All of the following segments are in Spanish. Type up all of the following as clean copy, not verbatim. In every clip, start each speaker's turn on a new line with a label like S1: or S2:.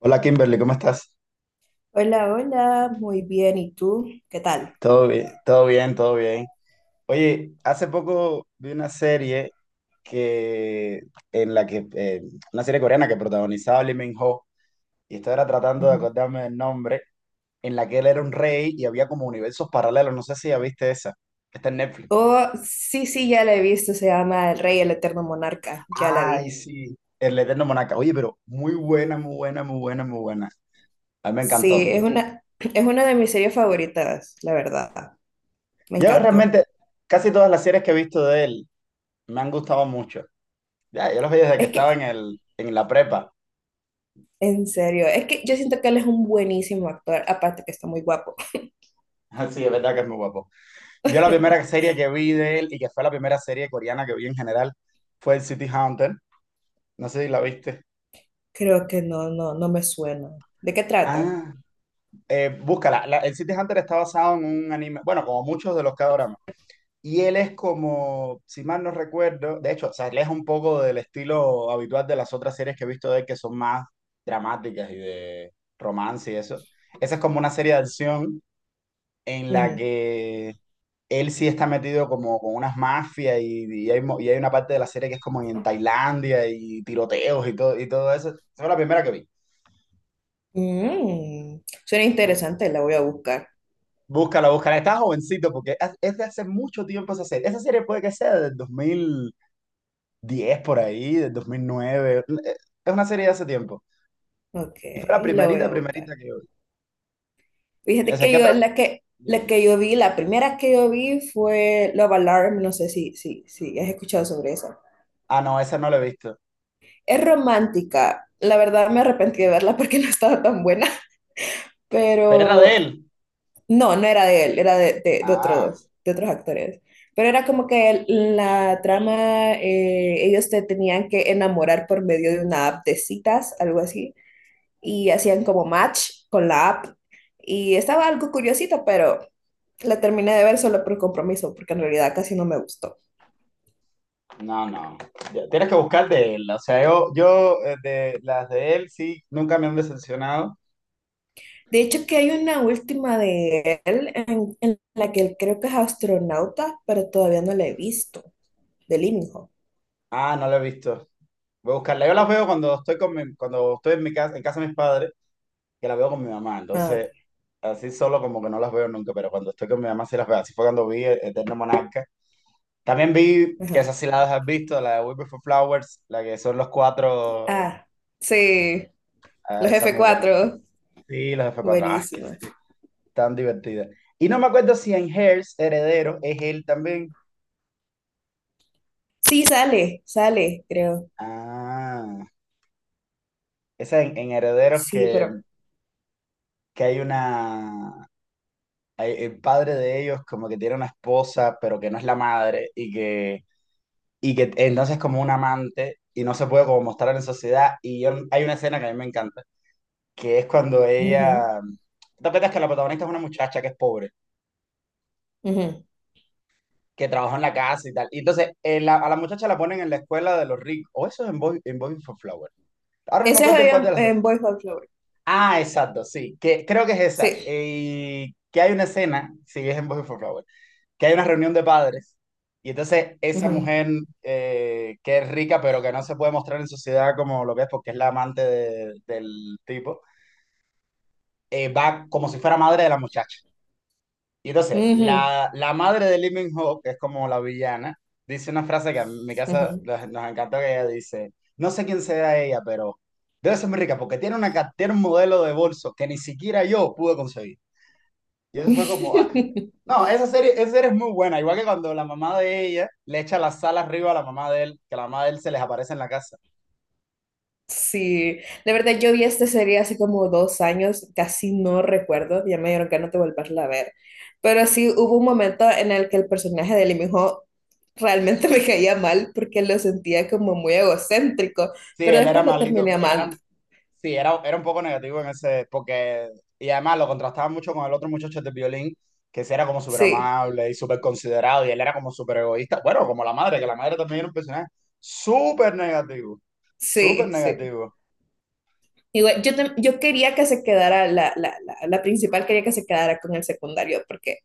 S1: Hola Kimberly, ¿cómo estás?
S2: Hola, hola, muy bien. ¿Y tú? ¿Qué tal?
S1: Todo bien, todo bien, todo bien. Oye, hace poco vi una serie que en la que una serie coreana que protagonizaba Lee Min-ho y estaba ahora tratando de
S2: Ujú.
S1: acordarme del nombre, en la que él era un rey y había como universos paralelos. No sé si ya viste esa. Está en Netflix.
S2: Oh, sí, sí, ya la he visto. Se llama El Rey, el Eterno Monarca. Ya la
S1: Ay,
S2: vi.
S1: sí. El Eterno Monarca. Oye, pero muy buena, muy buena, muy buena, muy buena. A mí me
S2: Sí,
S1: encantó.
S2: es una de mis series favoritas, la verdad. Me
S1: Yo
S2: encantó.
S1: realmente casi todas las series que he visto de él me han gustado mucho. Ya, yo los vi desde que
S2: Es
S1: estaba
S2: que,
S1: en la prepa.
S2: en serio, es que yo siento que él es un buenísimo actor, aparte que está muy guapo.
S1: Sí, es verdad que es muy guapo. Yo la primera serie que vi de él y que fue la primera serie coreana que vi en general fue el City Hunter. No sé si la viste.
S2: Creo que no, no me suena. ¿De qué trata?
S1: Ah, búscala. El City Hunter está basado en un anime, bueno, como muchos de los K-dramas. Y él es como, si mal no recuerdo, de hecho, se aleja un poco del estilo habitual de las otras series que he visto de él, que son más dramáticas y de romance y eso. Esa es como una serie de acción en la
S2: Ujú.
S1: que él sí está metido como con unas mafias y hay, y hay una parte de la serie que es como en Tailandia y tiroteos y todo eso. Esa fue la primera que vi.
S2: Mm, suena
S1: Bú-
S2: interesante, la voy a buscar.
S1: Búscala, búscala. Está jovencito porque es de hace mucho tiempo esa serie. Esa serie puede que sea del dos mil diez por ahí, del 2009. Es una serie de hace tiempo.
S2: Ok,
S1: Y fue la
S2: la voy
S1: primerita,
S2: a buscar.
S1: primerita que yo vi. O
S2: Fíjate
S1: sea,
S2: que
S1: ¿qué
S2: yo,
S1: otra?
S2: la que yo vi, la primera que yo vi fue Love Alarm, no sé si has escuchado sobre esa.
S1: Ah, no, esa no la he visto.
S2: Es romántica, la verdad me arrepentí de verla porque no estaba tan buena,
S1: Pero era de
S2: pero
S1: él.
S2: no, no era de él, era
S1: Ah.
S2: de otros actores. Pero era como que la trama, ellos te tenían que enamorar por medio de una app de citas, algo así, y hacían como match con la app. Y estaba algo curiosito, pero la terminé de ver solo por compromiso, porque en realidad casi no me gustó.
S1: No, no. Ya, tienes que buscar de él. O sea, yo de las de él sí, nunca me han decepcionado.
S2: De hecho, que hay una última de él en la que él creo que es astronauta, pero todavía no la he visto, de Living Hope.
S1: Ah, no lo he visto. Voy a buscarla. Yo las veo cuando estoy con cuando estoy en mi casa, en casa de mis padres, que las veo con mi mamá.
S2: Ah, ok,
S1: Entonces, así solo como que no las veo nunca, pero cuando estoy con mi mamá sí las veo. Así fue cuando vi Eterno Monarca. También vi, que
S2: ajá.
S1: esas sí las has visto, la de We Before Flowers, la que son los cuatro.
S2: Ah, sí.
S1: Ah,
S2: Los
S1: esa es
S2: f
S1: muy buena
S2: cuatro,
S1: también. Sí, los F4. Ah, qué
S2: buenísima.
S1: serie tan divertida. Y no me acuerdo si en Hairs, Heredero, es él también.
S2: Sí, sale, sale, creo.
S1: Ah, esa en Herederos
S2: Sí, pero.
S1: que hay una... El padre de ellos como que tiene una esposa, pero que no es la madre y que entonces es como un amante y no se puede como mostrar en sociedad. Y yo, hay una escena que a mí me encanta, que es cuando
S2: Ujú,
S1: ella... ¿Te acuerdas que la protagonista es una muchacha que es pobre,
S2: ujú.
S1: que trabaja en la casa y tal? Y entonces a la muchacha la ponen en la escuela de los ricos. O eso es en Boy for Flowers. Ahora no me
S2: Ese
S1: acuerdo en
S2: es
S1: cuál de las dos.
S2: en Boys Over Flower.
S1: Ah, exacto, sí. Que, creo que es esa.
S2: Sí.
S1: Que hay una escena, sí, es en Boy for Flower, que hay una reunión de padres. Y entonces esa
S2: Ujú,
S1: mujer que es rica, pero que no se puede mostrar en sociedad como lo que es porque es la amante del tipo, va como si fuera madre de la muchacha. Y entonces,
S2: ujú,
S1: la madre de Lee min que es como la villana, dice una frase que a mi casa
S2: ujú.
S1: nos encantó que ella dice, no sé quién sea ella, pero debe ser muy rica porque tiene, tiene un modelo de bolso que ni siquiera yo pude conseguir. Y eso fue como, ah. No, esa serie es muy buena, igual que cuando la mamá de ella le echa la sal arriba a la mamá de él, que la mamá de él se les aparece en la casa.
S2: Sí, de verdad yo vi esta serie hace como 2 años, casi no recuerdo, ya me dieron ganas de volverla a ver, pero sí hubo un momento en el que el personaje de Lee Ho realmente me caía mal porque lo sentía como muy egocéntrico,
S1: Sí,
S2: pero
S1: él era
S2: después lo
S1: maldito,
S2: terminé amando,
S1: eran sí, era un poco negativo en ese, porque, y además lo contrastaba mucho con el otro muchacho de violín, que sí era como súper
S2: sí.
S1: amable y súper considerado, y él era como súper egoísta, bueno, como la madre, que la madre también era un personaje súper negativo, súper
S2: Sí, sí.
S1: negativo.
S2: Igual, yo, yo quería que se quedara, la principal quería que se quedara con el secundario, porque,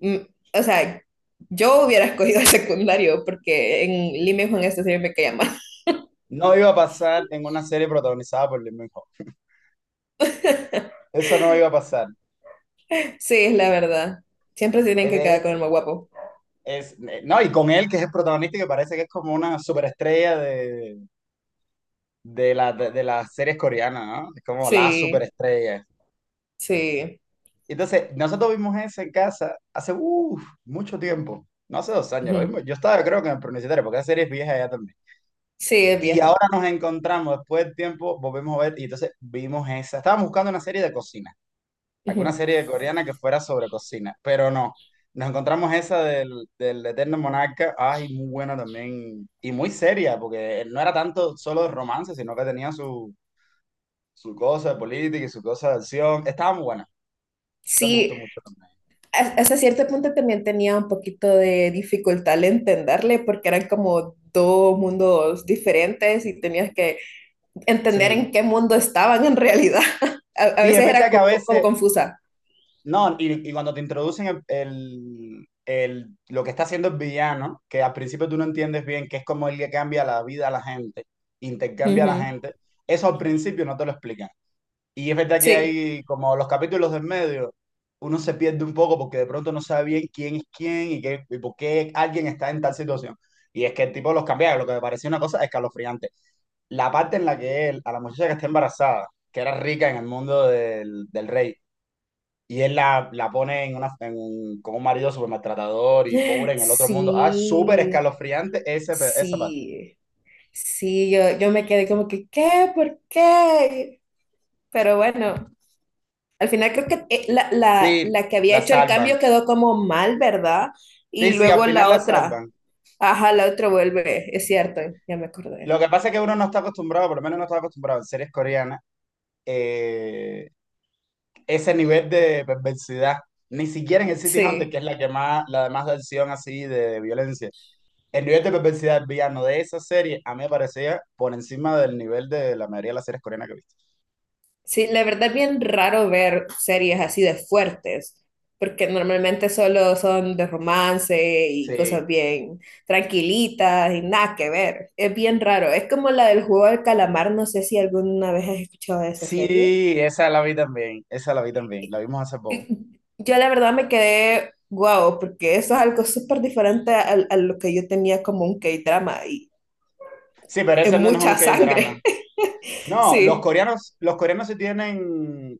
S2: mm, o sea, yo hubiera escogido el secundario, porque en Lima y Juan este siempre me caía mal.
S1: No iba a pasar en una serie protagonizada por Lee Min-ho, eso no iba a pasar.
S2: Sí, es la verdad. Siempre se tienen que
S1: De
S2: quedar con
S1: hecho,
S2: el más guapo.
S1: no, y con él, que es el protagonista, y que parece que es como una superestrella de, de las series coreanas, ¿no? Es como la
S2: Sí,
S1: superestrella.
S2: sí.
S1: Entonces, nosotros vimos ese en casa hace uf, mucho tiempo, no hace dos años, lo
S2: Ujú.
S1: vimos. Yo estaba, creo que en el preuniversitario, porque esa serie es vieja ya también.
S2: Sí, es
S1: Y
S2: vieja.
S1: ahora nos encontramos, después del tiempo, volvemos a ver, y entonces vimos esa. Estábamos buscando una serie de cocina, alguna
S2: Ujú.
S1: serie coreana que fuera sobre cocina, pero no. Nos encontramos esa del Eterno Monarca, ay, muy buena también, y muy seria, porque no era tanto solo de romance, sino que tenía su, su cosa de política y su cosa de acción. Estaba muy buena, esa me gustó
S2: Sí,
S1: mucho también.
S2: a- hasta cierto punto también tenía un poquito de dificultad al entenderle, porque eran como dos mundos diferentes y tenías que entender en
S1: Sí,
S2: qué mundo estaban en realidad. A
S1: sí, es
S2: veces
S1: verdad
S2: era
S1: que a
S2: como, como
S1: veces,
S2: confusa.
S1: no, y cuando te introducen lo que está haciendo el villano, que al principio tú no entiendes bien, que es como él le cambia la vida a la gente, intercambia a la
S2: Ujú.
S1: gente, eso al principio no te lo explican. Y es verdad que
S2: Sí,
S1: hay como los capítulos del medio, uno se pierde un poco porque de pronto no sabe bien quién es quién y, qué, y por qué alguien está en tal situación. Y es que el tipo los cambia, lo que me pareció una cosa escalofriante. La parte en la que él, a la muchacha que está embarazada, que era rica en el mundo del rey, y él la pone con un marido súper maltratador y pobre en el otro mundo. Ah, súper
S2: sí,
S1: escalofriante ese, esa parte.
S2: sí, sí, yo me quedé como que, ¿qué? ¿Por qué? Pero bueno, al final creo que
S1: Sí,
S2: la que había
S1: la
S2: hecho el
S1: salvan.
S2: cambio quedó como mal, ¿verdad? Y
S1: Sí, sí, al
S2: luego
S1: final
S2: la
S1: la
S2: otra,
S1: salvan.
S2: ajá, la otra vuelve, es cierto, ya me
S1: Lo
S2: acordé.
S1: que pasa es que uno no está acostumbrado, por lo menos no está acostumbrado en series coreanas, eh, ese nivel de perversidad. Ni siquiera en el City Hunter,
S2: Sí.
S1: que es la que más, la de más de acción así de violencia. El nivel de perversidad del villano de esa serie a mí me parecía por encima del nivel de la mayoría de las series coreanas que he visto.
S2: Sí, la verdad es bien raro ver series así de fuertes, porque normalmente solo son de romance y cosas
S1: Sí.
S2: bien tranquilitas y nada que ver. Es bien raro. Es como la del juego del calamar, no sé si alguna vez has escuchado de esa serie.
S1: Sí, esa la vi también, esa la vi también, la vimos hace poco.
S2: Y yo la verdad me quedé guau, porque eso es algo súper diferente a lo que yo tenía como un K-drama y
S1: Sí, pero
S2: es
S1: ese no es un
S2: mucha
S1: K-drama.
S2: sangre.
S1: No,
S2: Sí.
S1: los coreanos sí tienen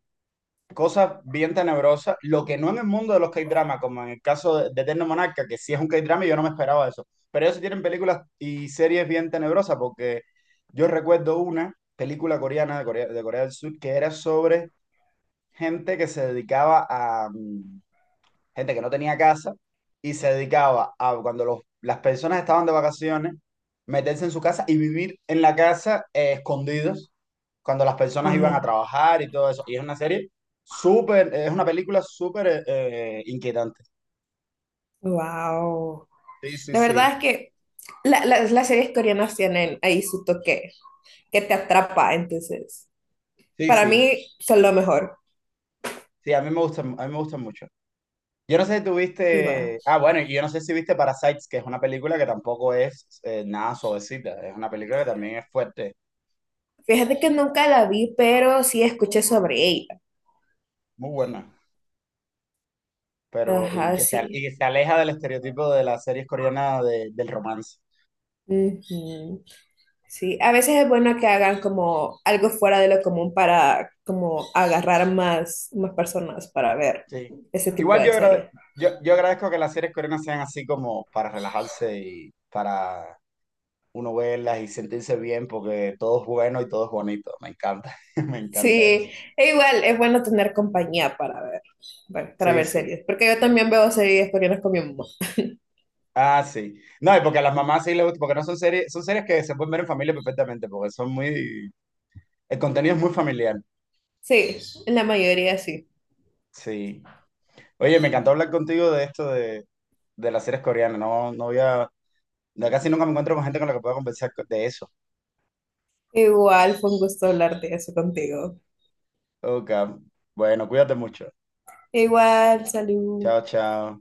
S1: cosas bien tenebrosas, lo que no en el mundo de los K-drama, como en el caso de Eterno Monarca, que sí es un K-drama y yo no me esperaba eso. Pero ellos sí tienen películas y series bien tenebrosas, porque yo recuerdo una película coreana de Corea del Sur que era sobre gente que se dedicaba a, mm, gente que no tenía casa y se dedicaba a cuando las personas estaban de vacaciones, meterse en su casa y vivir en la casa escondidos cuando las personas iban a trabajar y todo eso. Y es una serie súper, es una película súper inquietante.
S2: Wow.
S1: Sí, sí,
S2: La
S1: sí,
S2: verdad es que las series coreanas tienen ahí su toque que te atrapa, entonces
S1: sí,
S2: para
S1: sí.
S2: mí son lo mejor.
S1: Sí, a mí me gusta, a mí me gusta mucho. Yo no sé si tú
S2: Y bueno,
S1: viste, ah, bueno, y yo no sé si viste Parasites, que es una película que tampoco es nada suavecita, es una película que también es fuerte,
S2: fíjate que nunca la vi, pero sí escuché sobre ella.
S1: muy buena. Pero
S2: Ajá,
S1: y
S2: sí.
S1: que se aleja del estereotipo de las series coreanas del romance.
S2: Ujú. Sí, a veces es bueno que hagan como algo fuera de lo común para como agarrar más, más personas para ver
S1: Sí.
S2: ese tipo
S1: Igual
S2: de
S1: yo,
S2: series.
S1: yo agradezco que las series coreanas sean así como para relajarse y para uno verlas y sentirse bien porque todo es bueno y todo es bonito. Me encanta, me encanta
S2: Sí,
S1: eso.
S2: e igual es bueno tener compañía para ver, bueno, para
S1: Sí,
S2: ver
S1: sí.
S2: series, porque yo también veo series coreanas con mi mamá.
S1: Ah, sí. No, y porque a las mamás sí les gusta, porque no son series, son series que se pueden ver en familia perfectamente, porque son muy, el contenido es muy familiar.
S2: Sí, en la mayoría sí.
S1: Sí. Oye, me encantó hablar contigo de esto de las series coreanas. No, no había no, casi nunca me encuentro con gente con la que pueda conversar de eso.
S2: Igual fue un gusto hablar de eso contigo.
S1: Ok, bueno, cuídate mucho.
S2: Igual, salud.
S1: Chao, chao.